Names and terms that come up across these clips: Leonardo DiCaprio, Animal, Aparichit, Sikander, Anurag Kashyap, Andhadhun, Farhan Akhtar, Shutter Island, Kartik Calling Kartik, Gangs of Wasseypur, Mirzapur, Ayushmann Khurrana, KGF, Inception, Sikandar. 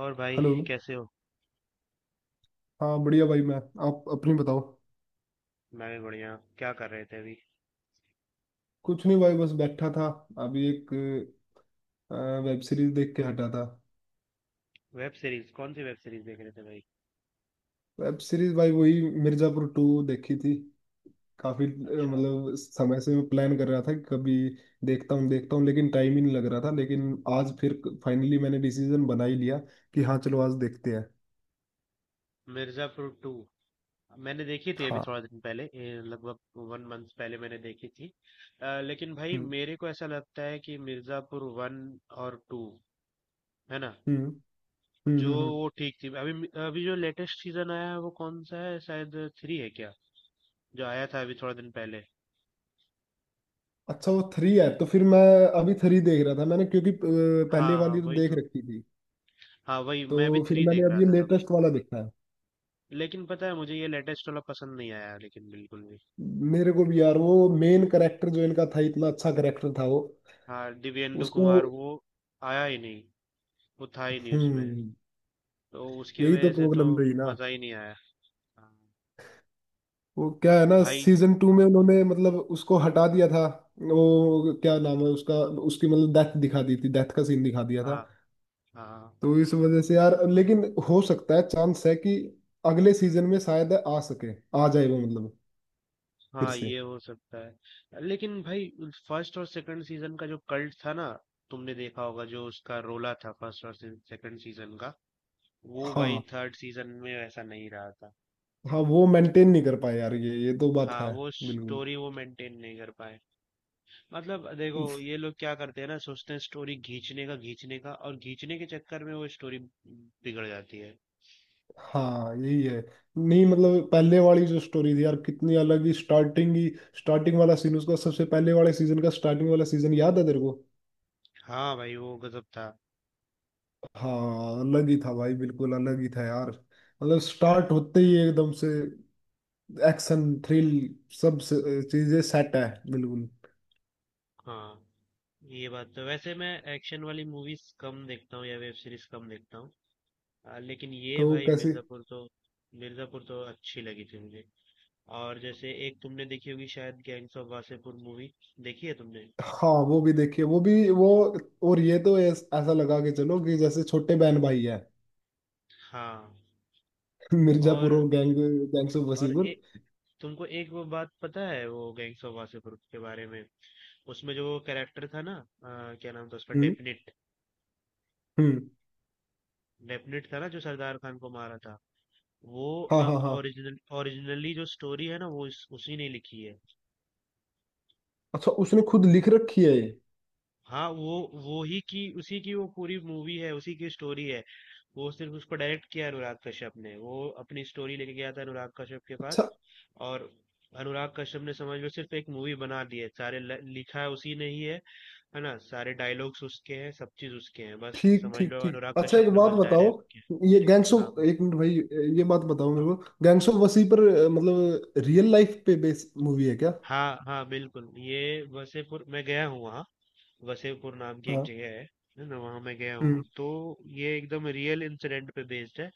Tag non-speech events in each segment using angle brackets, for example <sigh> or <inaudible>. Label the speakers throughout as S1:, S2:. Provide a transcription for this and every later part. S1: और भाई,
S2: हेलो।
S1: कैसे हो?
S2: हाँ, बढ़िया भाई। मैं, आप अपनी बताओ।
S1: मैं भी बढ़िया। क्या कर रहे थे अभी?
S2: कुछ नहीं भाई, बस बैठा था। अभी एक वेब सीरीज देख के हटा था।
S1: Web series? कौन सी वेब सीरीज देख रहे थे भाई?
S2: वेब सीरीज भाई वही मिर्जापुर टू देखी थी। काफी
S1: अच्छा।
S2: मतलब समय से मैं प्लान कर रहा था कि कभी देखता हूँ देखता हूँ, लेकिन टाइम ही नहीं लग रहा था। लेकिन आज फिर फाइनली मैंने डिसीजन बना ही लिया कि हाँ चलो आज देखते हैं।
S1: मिर्जापुर टू मैंने देखी थी, अभी
S2: हाँ।
S1: थोड़ा दिन पहले, लगभग वन मंथ पहले मैंने देखी थी। लेकिन भाई
S2: हम्म,
S1: मेरे को ऐसा लगता है कि मिर्जापुर वन और टू, है ना,
S2: हम्म, हम्म,
S1: जो
S2: हम्म,
S1: वो ठीक थी। अभी अभी जो लेटेस्ट सीजन आया है वो कौन सा है? शायद थ्री है क्या, जो आया था अभी थोड़ा दिन पहले?
S2: अच्छा, वो थ्री है? तो फिर मैं अभी थ्री देख रहा था मैंने, क्योंकि पहले
S1: हाँ हाँ,
S2: वाली तो
S1: वही
S2: देख
S1: तो।
S2: रखी थी।
S1: हाँ वही,
S2: तो
S1: मैं भी
S2: फिर
S1: थ्री
S2: मैंने
S1: देख
S2: अब
S1: रहा
S2: ये
S1: था।
S2: लेटेस्ट वाला देखा है।
S1: लेकिन पता है, मुझे ये लेटेस्ट वाला पसंद नहीं आया, लेकिन बिल्कुल भी।
S2: मेरे को भी यार वो मेन करेक्टर जो इनका था इतना अच्छा करेक्टर था वो,
S1: हाँ, दिव्येंदु
S2: उसको।
S1: कुमार वो आया ही नहीं। वो था ही नहीं उसमें,
S2: हम्म।
S1: तो उसकी
S2: यही तो
S1: वजह से तो
S2: प्रॉब्लम रही ना।
S1: मजा ही नहीं आया। हाँ,
S2: वो क्या है ना,
S1: भाई।
S2: सीजन टू में उन्होंने मतलब उसको हटा दिया था। वो क्या नाम है उसका, उसकी मतलब डेथ दिखा दी थी, डेथ का सीन दिखा दिया था।
S1: हाँ हाँ
S2: तो इस वजह से यार, लेकिन हो सकता है, चांस है कि अगले सीजन में शायद आ सके, आ जाए वो मतलब फिर
S1: हाँ,
S2: से।
S1: ये हो सकता है, लेकिन भाई, फर्स्ट और सेकंड सीजन का जो कल्ट था ना, तुमने देखा होगा जो उसका रोला था फर्स्ट और सेकंड सीजन का, वो
S2: हाँ।
S1: भाई थर्ड सीजन में वैसा नहीं रहा था।
S2: हाँ वो मेंटेन नहीं कर पाए यार, ये तो बात
S1: हाँ,
S2: है।
S1: वो
S2: बिल्कुल।
S1: स्टोरी वो मेंटेन नहीं कर पाए। मतलब देखो, ये लोग क्या करते हैं ना, सोचते हैं स्टोरी खींचने का खींचने का, और खींचने के चक्कर में वो स्टोरी बिगड़ जाती है।
S2: हाँ यही है। नहीं मतलब पहले वाली जो स्टोरी थी यार, कितनी अलग ही स्टार्टिंग ही। स्टार्टिंग वाला सीन उसका, सबसे पहले वाले सीजन का स्टार्टिंग वाला सीजन, याद है तेरे को?
S1: हाँ भाई, वो गजब था।
S2: हाँ अलग ही था भाई, बिल्कुल अलग ही था यार। मतलब स्टार्ट होते ही एकदम से एक्शन, थ्रिल, सब से- चीजें सेट है। बिल्कुल।
S1: हाँ, ये बात तो, वैसे मैं एक्शन वाली मूवीज कम देखता हूँ या वेब सीरीज कम देखता हूँ। लेकिन ये
S2: तो
S1: भाई
S2: कैसे?
S1: मिर्जापुर तो अच्छी लगी थी मुझे। और जैसे एक तुमने देखी होगी शायद, गैंग्स ऑफ वासेपुर मूवी। देखी है तुमने?
S2: हाँ वो भी देखिए, वो भी वो। और ये तो ऐसा लगा के चलो कि जैसे छोटे बहन भाई है
S1: हाँ।
S2: <laughs> मिर्जापुर
S1: और
S2: और गैंग, गैंग्स ऑफ
S1: और
S2: वसीपुर।
S1: तुमको एक वो बात पता है, वो गैंग्स ऑफ वासेपुर के बारे में। उसमें जो कैरेक्टर था ना, क्या नाम था उसका?
S2: हम्म,
S1: डेफिनेट,
S2: हम्म।
S1: डेफिनेट था ना जो सरदार खान को मारा था वो।
S2: हाँ, हाँ, हाँ।
S1: ओरिजिनली जो स्टोरी है ना, वो उसी ने लिखी है।
S2: अच्छा, उसने खुद लिख रखी है ये?
S1: हाँ वो ही की, उसी की, वो पूरी मूवी है, उसी की स्टोरी है। वो सिर्फ उसको डायरेक्ट किया अनुराग कश्यप ने। वो अपनी स्टोरी लेके गया था अनुराग कश्यप के पास।
S2: अच्छा।
S1: और अनुराग कश्यप ने समझ लो सिर्फ एक मूवी बना दी है, सारे लिखा है उसी ने ही है ना। सारे डायलॉग्स उसके हैं, सब चीज उसके हैं, बस
S2: ठीक,
S1: समझ
S2: ठीक,
S1: लो
S2: ठीक।
S1: अनुराग
S2: अच्छा एक
S1: कश्यप ने
S2: बात
S1: बस
S2: बताओ,
S1: डायरेक्ट।
S2: ये गैंग्स
S1: हाँ।
S2: ऑफ, एक मिनट भाई। ये बात बताओ मेरे
S1: अब-
S2: को, गैंग्स ऑफ वसी पर, मतलब रियल लाइफ पे बेस मूवी है क्या?
S1: हाँ हाँ बिल्कुल, ये वसेपुर मैं गया हूँ वहाँ। वसेपुर नाम की एक
S2: हाँ।
S1: जगह है ना, वहाँ मैं गया हूँ।
S2: हम्म,
S1: तो ये एकदम रियल इंसिडेंट पे बेस्ड है।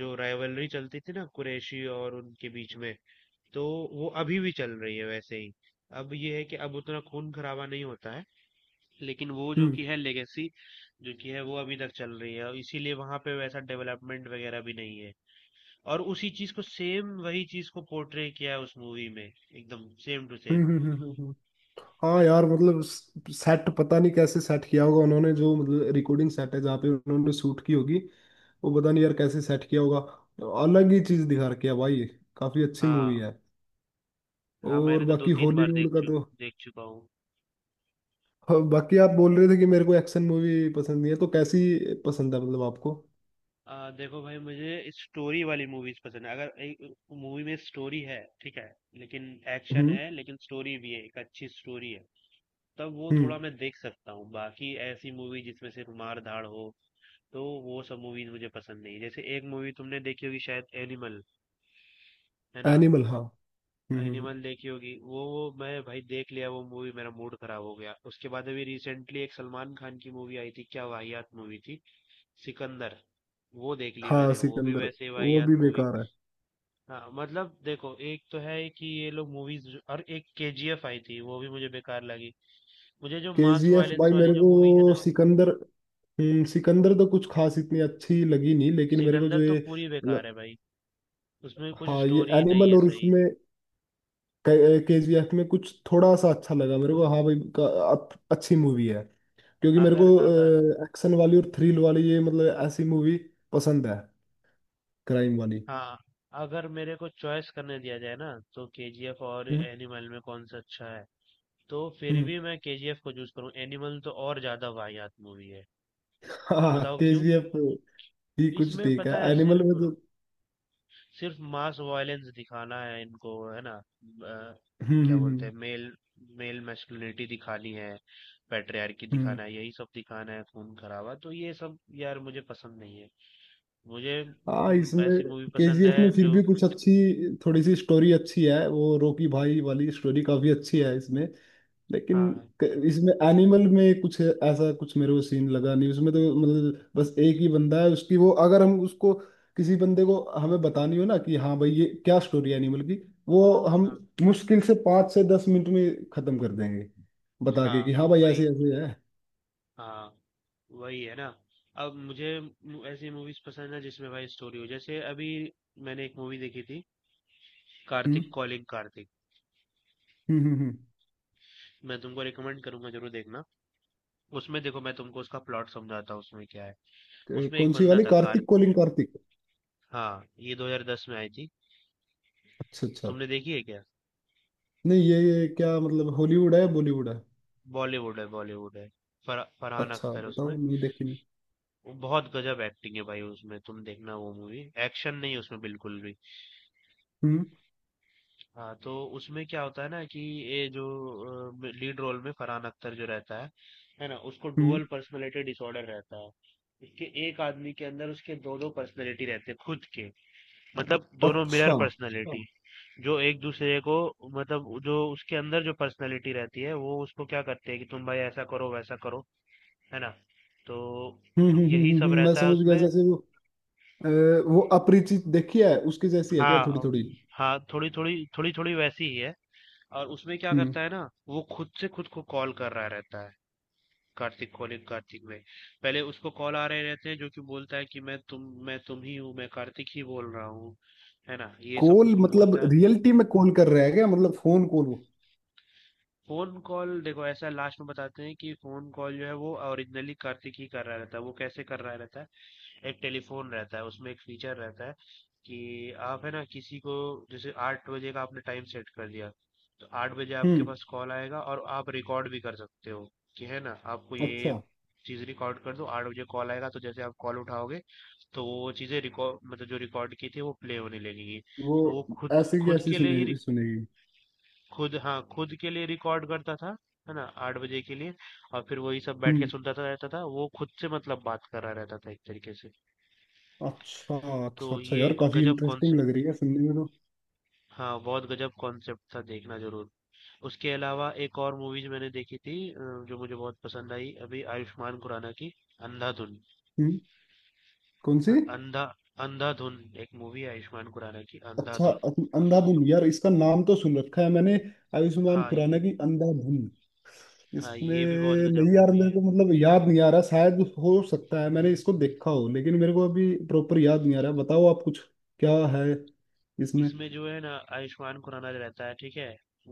S1: जो राइवलरी चलती थी ना कुरैशी और उनके बीच में, तो वो अभी भी चल रही है वैसे ही। अब ये है कि अब उतना खून खराबा नहीं होता है, लेकिन वो जो
S2: हम्म,
S1: कि है लेगेसी, जो कि है वो अभी तक चल रही है, और इसीलिए वहां पे वैसा डेवलपमेंट वगैरह भी नहीं है। और उसी चीज को, सेम वही चीज को पोर्ट्रे किया है उस मूवी में, एकदम सेम टू
S2: हम्म,
S1: सेम।
S2: हम्म, हाँ यार, मतलब सेट पता नहीं कैसे सेट किया होगा उन्होंने, जो मतलब रिकॉर्डिंग सेट है जहाँ पे उन्होंने शूट की होगी, वो पता नहीं यार कैसे सेट किया होगा। अलग ही चीज दिखा रखी है भाई, काफी अच्छी मूवी
S1: हाँ
S2: है।
S1: हाँ, मैंने
S2: और
S1: तो दो
S2: बाकी
S1: तीन बार
S2: हॉलीवुड का तो,
S1: देख चुका हूँ।
S2: हाँ, बाकी आप बोल रहे थे कि मेरे को एक्शन मूवी पसंद नहीं है, तो कैसी पसंद है मतलब आपको?
S1: देखो भाई, मुझे स्टोरी वाली मूवीज पसंद है। अगर एक मूवी में स्टोरी है, ठीक है, लेकिन एक्शन
S2: हम्म,
S1: है लेकिन स्टोरी भी है, एक अच्छी स्टोरी है, तब वो थोड़ा
S2: हम्म।
S1: मैं देख सकता हूँ। बाकी ऐसी मूवी जिसमें सिर्फ मार धाड़ हो, तो वो सब मूवीज मुझे पसंद नहीं। जैसे एक मूवी तुमने देखी होगी शायद, एनिमल, है ना?
S2: एनिमल, हाँ। हम्म,
S1: एनिमल देखी होगी वो, मैं भाई देख लिया वो मूवी, मेरा मूड खराब हो गया। उसके बाद अभी रिसेंटली एक सलमान खान की मूवी आई थी, क्या वाहियात मूवी थी, सिकंदर। वो देख ली
S2: हाँ
S1: मैंने, वो भी
S2: सिकंदर
S1: वैसे
S2: वो भी
S1: वाहियात मूवी।
S2: बेकार है।
S1: हाँ, मतलब देखो, एक तो है कि ये लोग मूवीज, और एक केजीएफ आई थी, वो भी मुझे बेकार लगी। मुझे जो मास
S2: केजीएफ
S1: वायलेंस
S2: भाई,
S1: वाली
S2: मेरे
S1: जो
S2: को
S1: मूवी है ना,
S2: सिकंदर, हम्म, सिकंदर तो कुछ खास इतनी अच्छी लगी नहीं। लेकिन मेरे को
S1: सिकंदर
S2: जो
S1: तो
S2: ये
S1: पूरी
S2: ल-
S1: बेकार है भाई, उसमें कुछ
S2: हाँ ये
S1: स्टोरी ही नहीं
S2: एनिमल,
S1: है
S2: और
S1: सही।
S2: उसमें केजीएफ में कुछ थोड़ा सा अच्छा लगा मेरे को। हाँ भाई अच्छी मूवी है। क्योंकि मेरे को
S1: अगर अगर,
S2: एक्शन वाली और थ्रिल वाली ये मतलब ऐसी मूवी पसंद है, क्राइम वाली।
S1: हाँ, अगर मेरे को चॉइस करने दिया जाए ना, तो केजीएफ और
S2: हम्म।
S1: एनिमल में कौन सा अच्छा है? तो फिर
S2: हम्म।
S1: भी मैं केजीएफ को चूज करूँ, एनिमल तो और ज्यादा वाहियात मूवी है।
S2: हाँ
S1: बताओ क्यों?
S2: केजीएफ भी कुछ
S1: इसमें
S2: ठीक है,
S1: पता है,
S2: एनिमल
S1: सिर्फ
S2: में जो,
S1: सिर्फ मास वायलेंस दिखाना है इनको, है ना,
S2: हम्म,
S1: क्या
S2: हम्म,
S1: बोलते
S2: हम्म,
S1: हैं, मेल, मेल मैस्कुलिनिटी दिखानी है, पैट्रियार्की
S2: हम्म।
S1: दिखाना है, यही सब दिखाना है, खून खराबा, तो ये सब यार मुझे पसंद नहीं है। मुझे
S2: हाँ इसमें
S1: ऐसी मूवी पसंद
S2: केजीएफ में
S1: है
S2: फिर
S1: जो,
S2: भी कुछ अच्छी, थोड़ी सी स्टोरी अच्छी है, वो रोकी भाई वाली स्टोरी काफी अच्छी है इसमें। लेकिन
S1: हाँ
S2: इसमें एनिमल में कुछ ऐसा कुछ मेरे को सीन लगा नहीं उसमें। तो मतलब बस एक ही बंदा है, उसकी वो अगर हम उसको, किसी बंदे को हमें बतानी हो ना कि हाँ भाई ये क्या स्टोरी है एनिमल की, वो हम
S1: हाँ
S2: मुश्किल से 5 से 10 मिनट में खत्म कर देंगे, बता
S1: हाँ
S2: के
S1: हाँ,
S2: कि हाँ भाई ऐसे
S1: वही,
S2: ऐसे है।
S1: हाँ वही, है ना। अब मुझे ऐसी मूवीज पसंद है जिसमें भाई स्टोरी हो। जैसे अभी मैंने एक मूवी देखी थी,
S2: हम्म,
S1: कार्तिक कॉलिंग कार्तिक।
S2: हम्म, हम्म,
S1: मैं तुमको रिकमेंड करूंगा, जरूर देखना। उसमें देखो, मैं तुमको उसका प्लॉट समझाता हूँ, उसमें क्या है। उसमें एक
S2: कौन सी
S1: बंदा
S2: वाली,
S1: था कार
S2: कार्तिक कोलिंग कार्तिक?
S1: हाँ, ये 2010 में आई थी।
S2: अच्छा, अच्छा।
S1: तुमने देखी है क्या?
S2: नहीं ये, क्या मतलब, हॉलीवुड है, बॉलीवुड है?
S1: बॉलीवुड है, बॉलीवुड है। फरहान
S2: अच्छा
S1: अख्तर है उसमें,
S2: बताओ, नहीं देखी नहीं।
S1: वो बहुत गजब एक्टिंग है भाई उसमें, तुम देखना वो मूवी, एक्शन नहीं है उसमें बिल्कुल भी।
S2: हम्म,
S1: हाँ तो उसमें क्या होता है ना, कि ये जो लीड रोल में फरहान अख्तर जो रहता है ना, उसको डुअल
S2: हम्म।
S1: पर्सनैलिटी डिसऑर्डर रहता है। उसके, एक आदमी के अंदर उसके दो दो पर्सनैलिटी रहते हैं खुद के, मतलब दोनों मिरर
S2: अच्छा। हम्म,
S1: पर्सनैलिटी, जो एक दूसरे को, मतलब जो उसके अंदर जो पर्सनैलिटी रहती है वो उसको क्या करते हैं कि तुम भाई ऐसा करो वैसा करो, है ना, तो
S2: हम्म, हम्म,
S1: यही सब
S2: मैं
S1: रहता है
S2: समझ गया,
S1: उसमें।
S2: जैसे वो अ, वो अपरिचित देखी है उसकी, जैसी है क्या
S1: हाँ,
S2: थोड़ी थोड़ी?
S1: हाँ थोड़ी थोड़ी थोड़ी थोड़ी वैसी ही है। और उसमें क्या
S2: हम्म।
S1: करता है ना, वो खुद से खुद को कॉल कर रहा रहता है। कार्तिक कॉलिंग कार्तिक में पहले उसको कॉल आ रहे रहते हैं जो कि बोलता है कि मैं तुम ही हूँ, मैं कार्तिक ही बोल रहा हूँ, है ना, ये सब
S2: कॉल
S1: उसको
S2: मतलब
S1: बोलता है।
S2: रियलिटी में कॉल कर रहा है क्या, मतलब फोन कॉल वो?
S1: फोन कॉल देखो, ऐसा लास्ट में बताते हैं कि फोन कॉल जो है वो ओरिजिनली कार्तिक ही कर रहा रहता है। वो कैसे कर रहा रहता है? एक टेलीफोन रहता है उसमें, एक फीचर रहता है कि आप, है ना, किसी को जैसे आठ बजे का आपने टाइम सेट कर दिया, तो आठ बजे आपके
S2: हम्म।
S1: पास कॉल आएगा, और आप रिकॉर्ड भी कर सकते हो, कि है ना, आपको ये
S2: अच्छा,
S1: चीज रिकॉर्ड कर दो, आठ बजे कॉल आएगा, तो जैसे आप कॉल उठाओगे, तो वो चीजें रिकॉर्ड, मतलब जो रिकॉर्ड की थी, वो प्ले होने लगेगी।
S2: वो
S1: तो वो खुद
S2: ऐसे की
S1: खुद
S2: ऐसी
S1: के लिए ही,
S2: सुने सुनेगी?
S1: खुद हाँ, खुद के लिए रिकॉर्ड करता था, है ना, आठ बजे के लिए। और फिर वही सब बैठ के
S2: हम्म।
S1: सुनता था रहता था वो, खुद से मतलब बात कर रहा रहता था एक तरीके से।
S2: अच्छा,
S1: तो
S2: अच्छा। अच्छा
S1: ये
S2: यार, काफी
S1: गजब
S2: इंटरेस्टिंग
S1: कॉन्सेप्ट।
S2: लग रही है सुनने में तो।
S1: हाँ, बहुत गजब कॉन्सेप्ट था, देखना जरूर। उसके अलावा एक और मूवीज मैंने देखी थी, जो मुझे बहुत पसंद आई, अभी आयुष्मान खुराना की अंधाधुन।
S2: हम्म। कौन सी?
S1: अ- अंधा अंधाधुन, एक मूवी है आयुष्मान खुराना की,
S2: अच्छा
S1: अंधाधुन।
S2: अंधाधुन, यार इसका नाम तो सुन रखा है मैंने, आयुष्मान
S1: हाँ
S2: खुराना
S1: ये,
S2: की अंधाधुन।
S1: हाँ
S2: इसमें,
S1: ये भी बहुत गजब
S2: नहीं यार
S1: मूवी
S2: मेरे
S1: है।
S2: को मतलब याद नहीं आ रहा। शायद हो सकता है मैंने इसको देखा हो, लेकिन मेरे को अभी प्रॉपर याद नहीं आ रहा। बताओ आप, कुछ क्या है इसमें?
S1: इसमें जो है ना, आयुष्मान खुराना रहता है, ठीक है,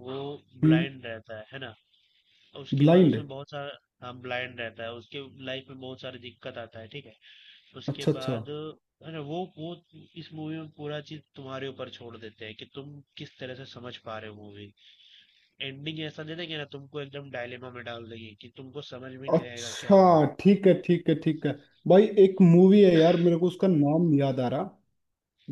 S1: वो
S2: हम्म।
S1: ब्लाइंड रहता है ना, उसके बाद
S2: ब्लाइंड?
S1: उसमें बहुत सारा, हाँ ब्लाइंड रहता है, उसके लाइफ में बहुत सारी दिक्कत आता है, ठीक है, उसके
S2: अच्छा, अच्छा।
S1: बाद, है ना, वो इस मूवी में पूरा चीज तुम्हारे ऊपर छोड़ देते हैं कि तुम किस तरह से समझ पा रहे हो मूवी। एंडिंग ऐसा दे देंगे ना तुमको, एकदम डायलेमा में डाल देंगे कि तुमको समझ में नहीं आएगा क्या हुआ।
S2: अच्छा, ठीक है, ठीक है, ठीक है। भाई एक मूवी है यार, मेरे को उसका नाम नहीं याद आ रहा,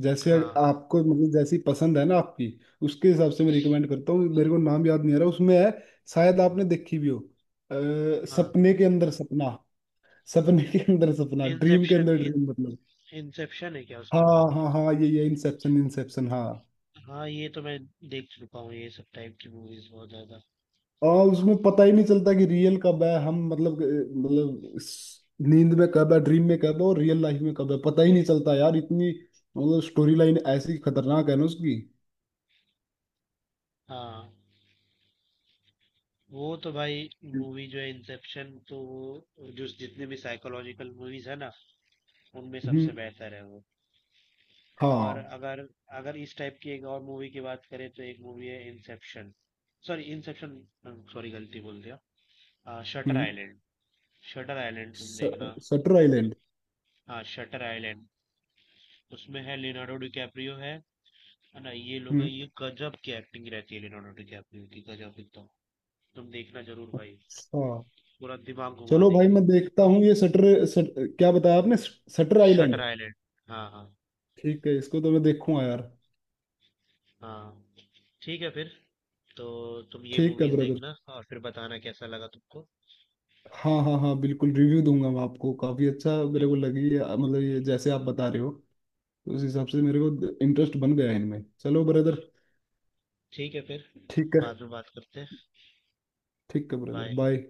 S2: जैसे
S1: हाँ
S2: आपको मतलब जैसी पसंद है ना आपकी, उसके हिसाब से मैं रिकमेंड करता हूँ। मेरे को नाम याद नहीं आ रहा, उसमें है, शायद आपने देखी भी हो। अ,
S1: हाँ,
S2: सपने के अंदर सपना, सपने के अंदर सपना, ड्रीम के
S1: इंसेप्शन
S2: अंदर
S1: इन
S2: ड्रीम, मतलब।
S1: इंसेप्शन है क्या उसका
S2: हाँ,
S1: नाम?
S2: हाँ, हाँ, ये ये इंसेप्शन इंसेप्शन, हाँ।
S1: हाँ, ये तो मैं देख चुका हूँ, ये सब टाइप की मूवीज बहुत ज्यादा।
S2: और उसमें पता ही नहीं चलता कि रियल कब है, हम मतलब मतलब इस नींद में कब है, ड्रीम में कब है, और रियल लाइफ में कब है, पता ही नहीं चलता यार। इतनी मतलब स्टोरी लाइन ऐसी खतरनाक है ना उसकी।
S1: हाँ वो तो भाई, मूवी जो है इंसेप्शन, तो वो जो जितने भी साइकोलॉजिकल मूवीज है ना, उनमें
S2: हम्म।
S1: सबसे बेहतर है वो। और
S2: हाँ।
S1: अगर अगर इस टाइप की एक और मूवी की बात करें, तो एक मूवी है इंसेप्शन सॉरी गलती बोल दिया, शटर
S2: हम्म।
S1: आइलैंड। शटर आइलैंड तुम
S2: स-
S1: देखना,
S2: सटर आइलैंड।
S1: हाँ शटर आइलैंड। उसमें है लियोनार्डो डिकैप्रियो, है ना, ये लोग हैं,
S2: हम्म।
S1: ये गजब की एक्टिंग रहती है लियोनार्डो डिकैप्रियो की, गजब एकदम। तुम देखना जरूर भाई,
S2: अच्छा,
S1: पूरा दिमाग घुमा
S2: चलो भाई
S1: देगी ये,
S2: मैं देखता हूँ ये सटर, सट क्या बताया आपने, सटर
S1: शटर
S2: आइलैंड?
S1: आइलैंड, हाँ हाँ
S2: ठीक है, इसको तो मैं देखूंगा यार।
S1: हाँ। ठीक है फिर। तो तुम ये
S2: ठीक है
S1: मूवीज
S2: ब्रदर।
S1: देखना और फिर बताना कैसा लगा तुमको।
S2: हाँ, हाँ, हाँ, बिल्कुल रिव्यू दूंगा मैं आपको। काफी अच्छा
S1: फिर
S2: मेरे को लगी है, मतलब ये जैसे आप बता रहे हो, तो उस हिसाब से मेरे को इंटरेस्ट बन गया है इनमें। चलो ब्रदर,
S1: ठीक है, फिर
S2: ठीक है।
S1: बाद में बात करते हैं।
S2: ठीक है ब्रदर,
S1: बाय।
S2: बाय।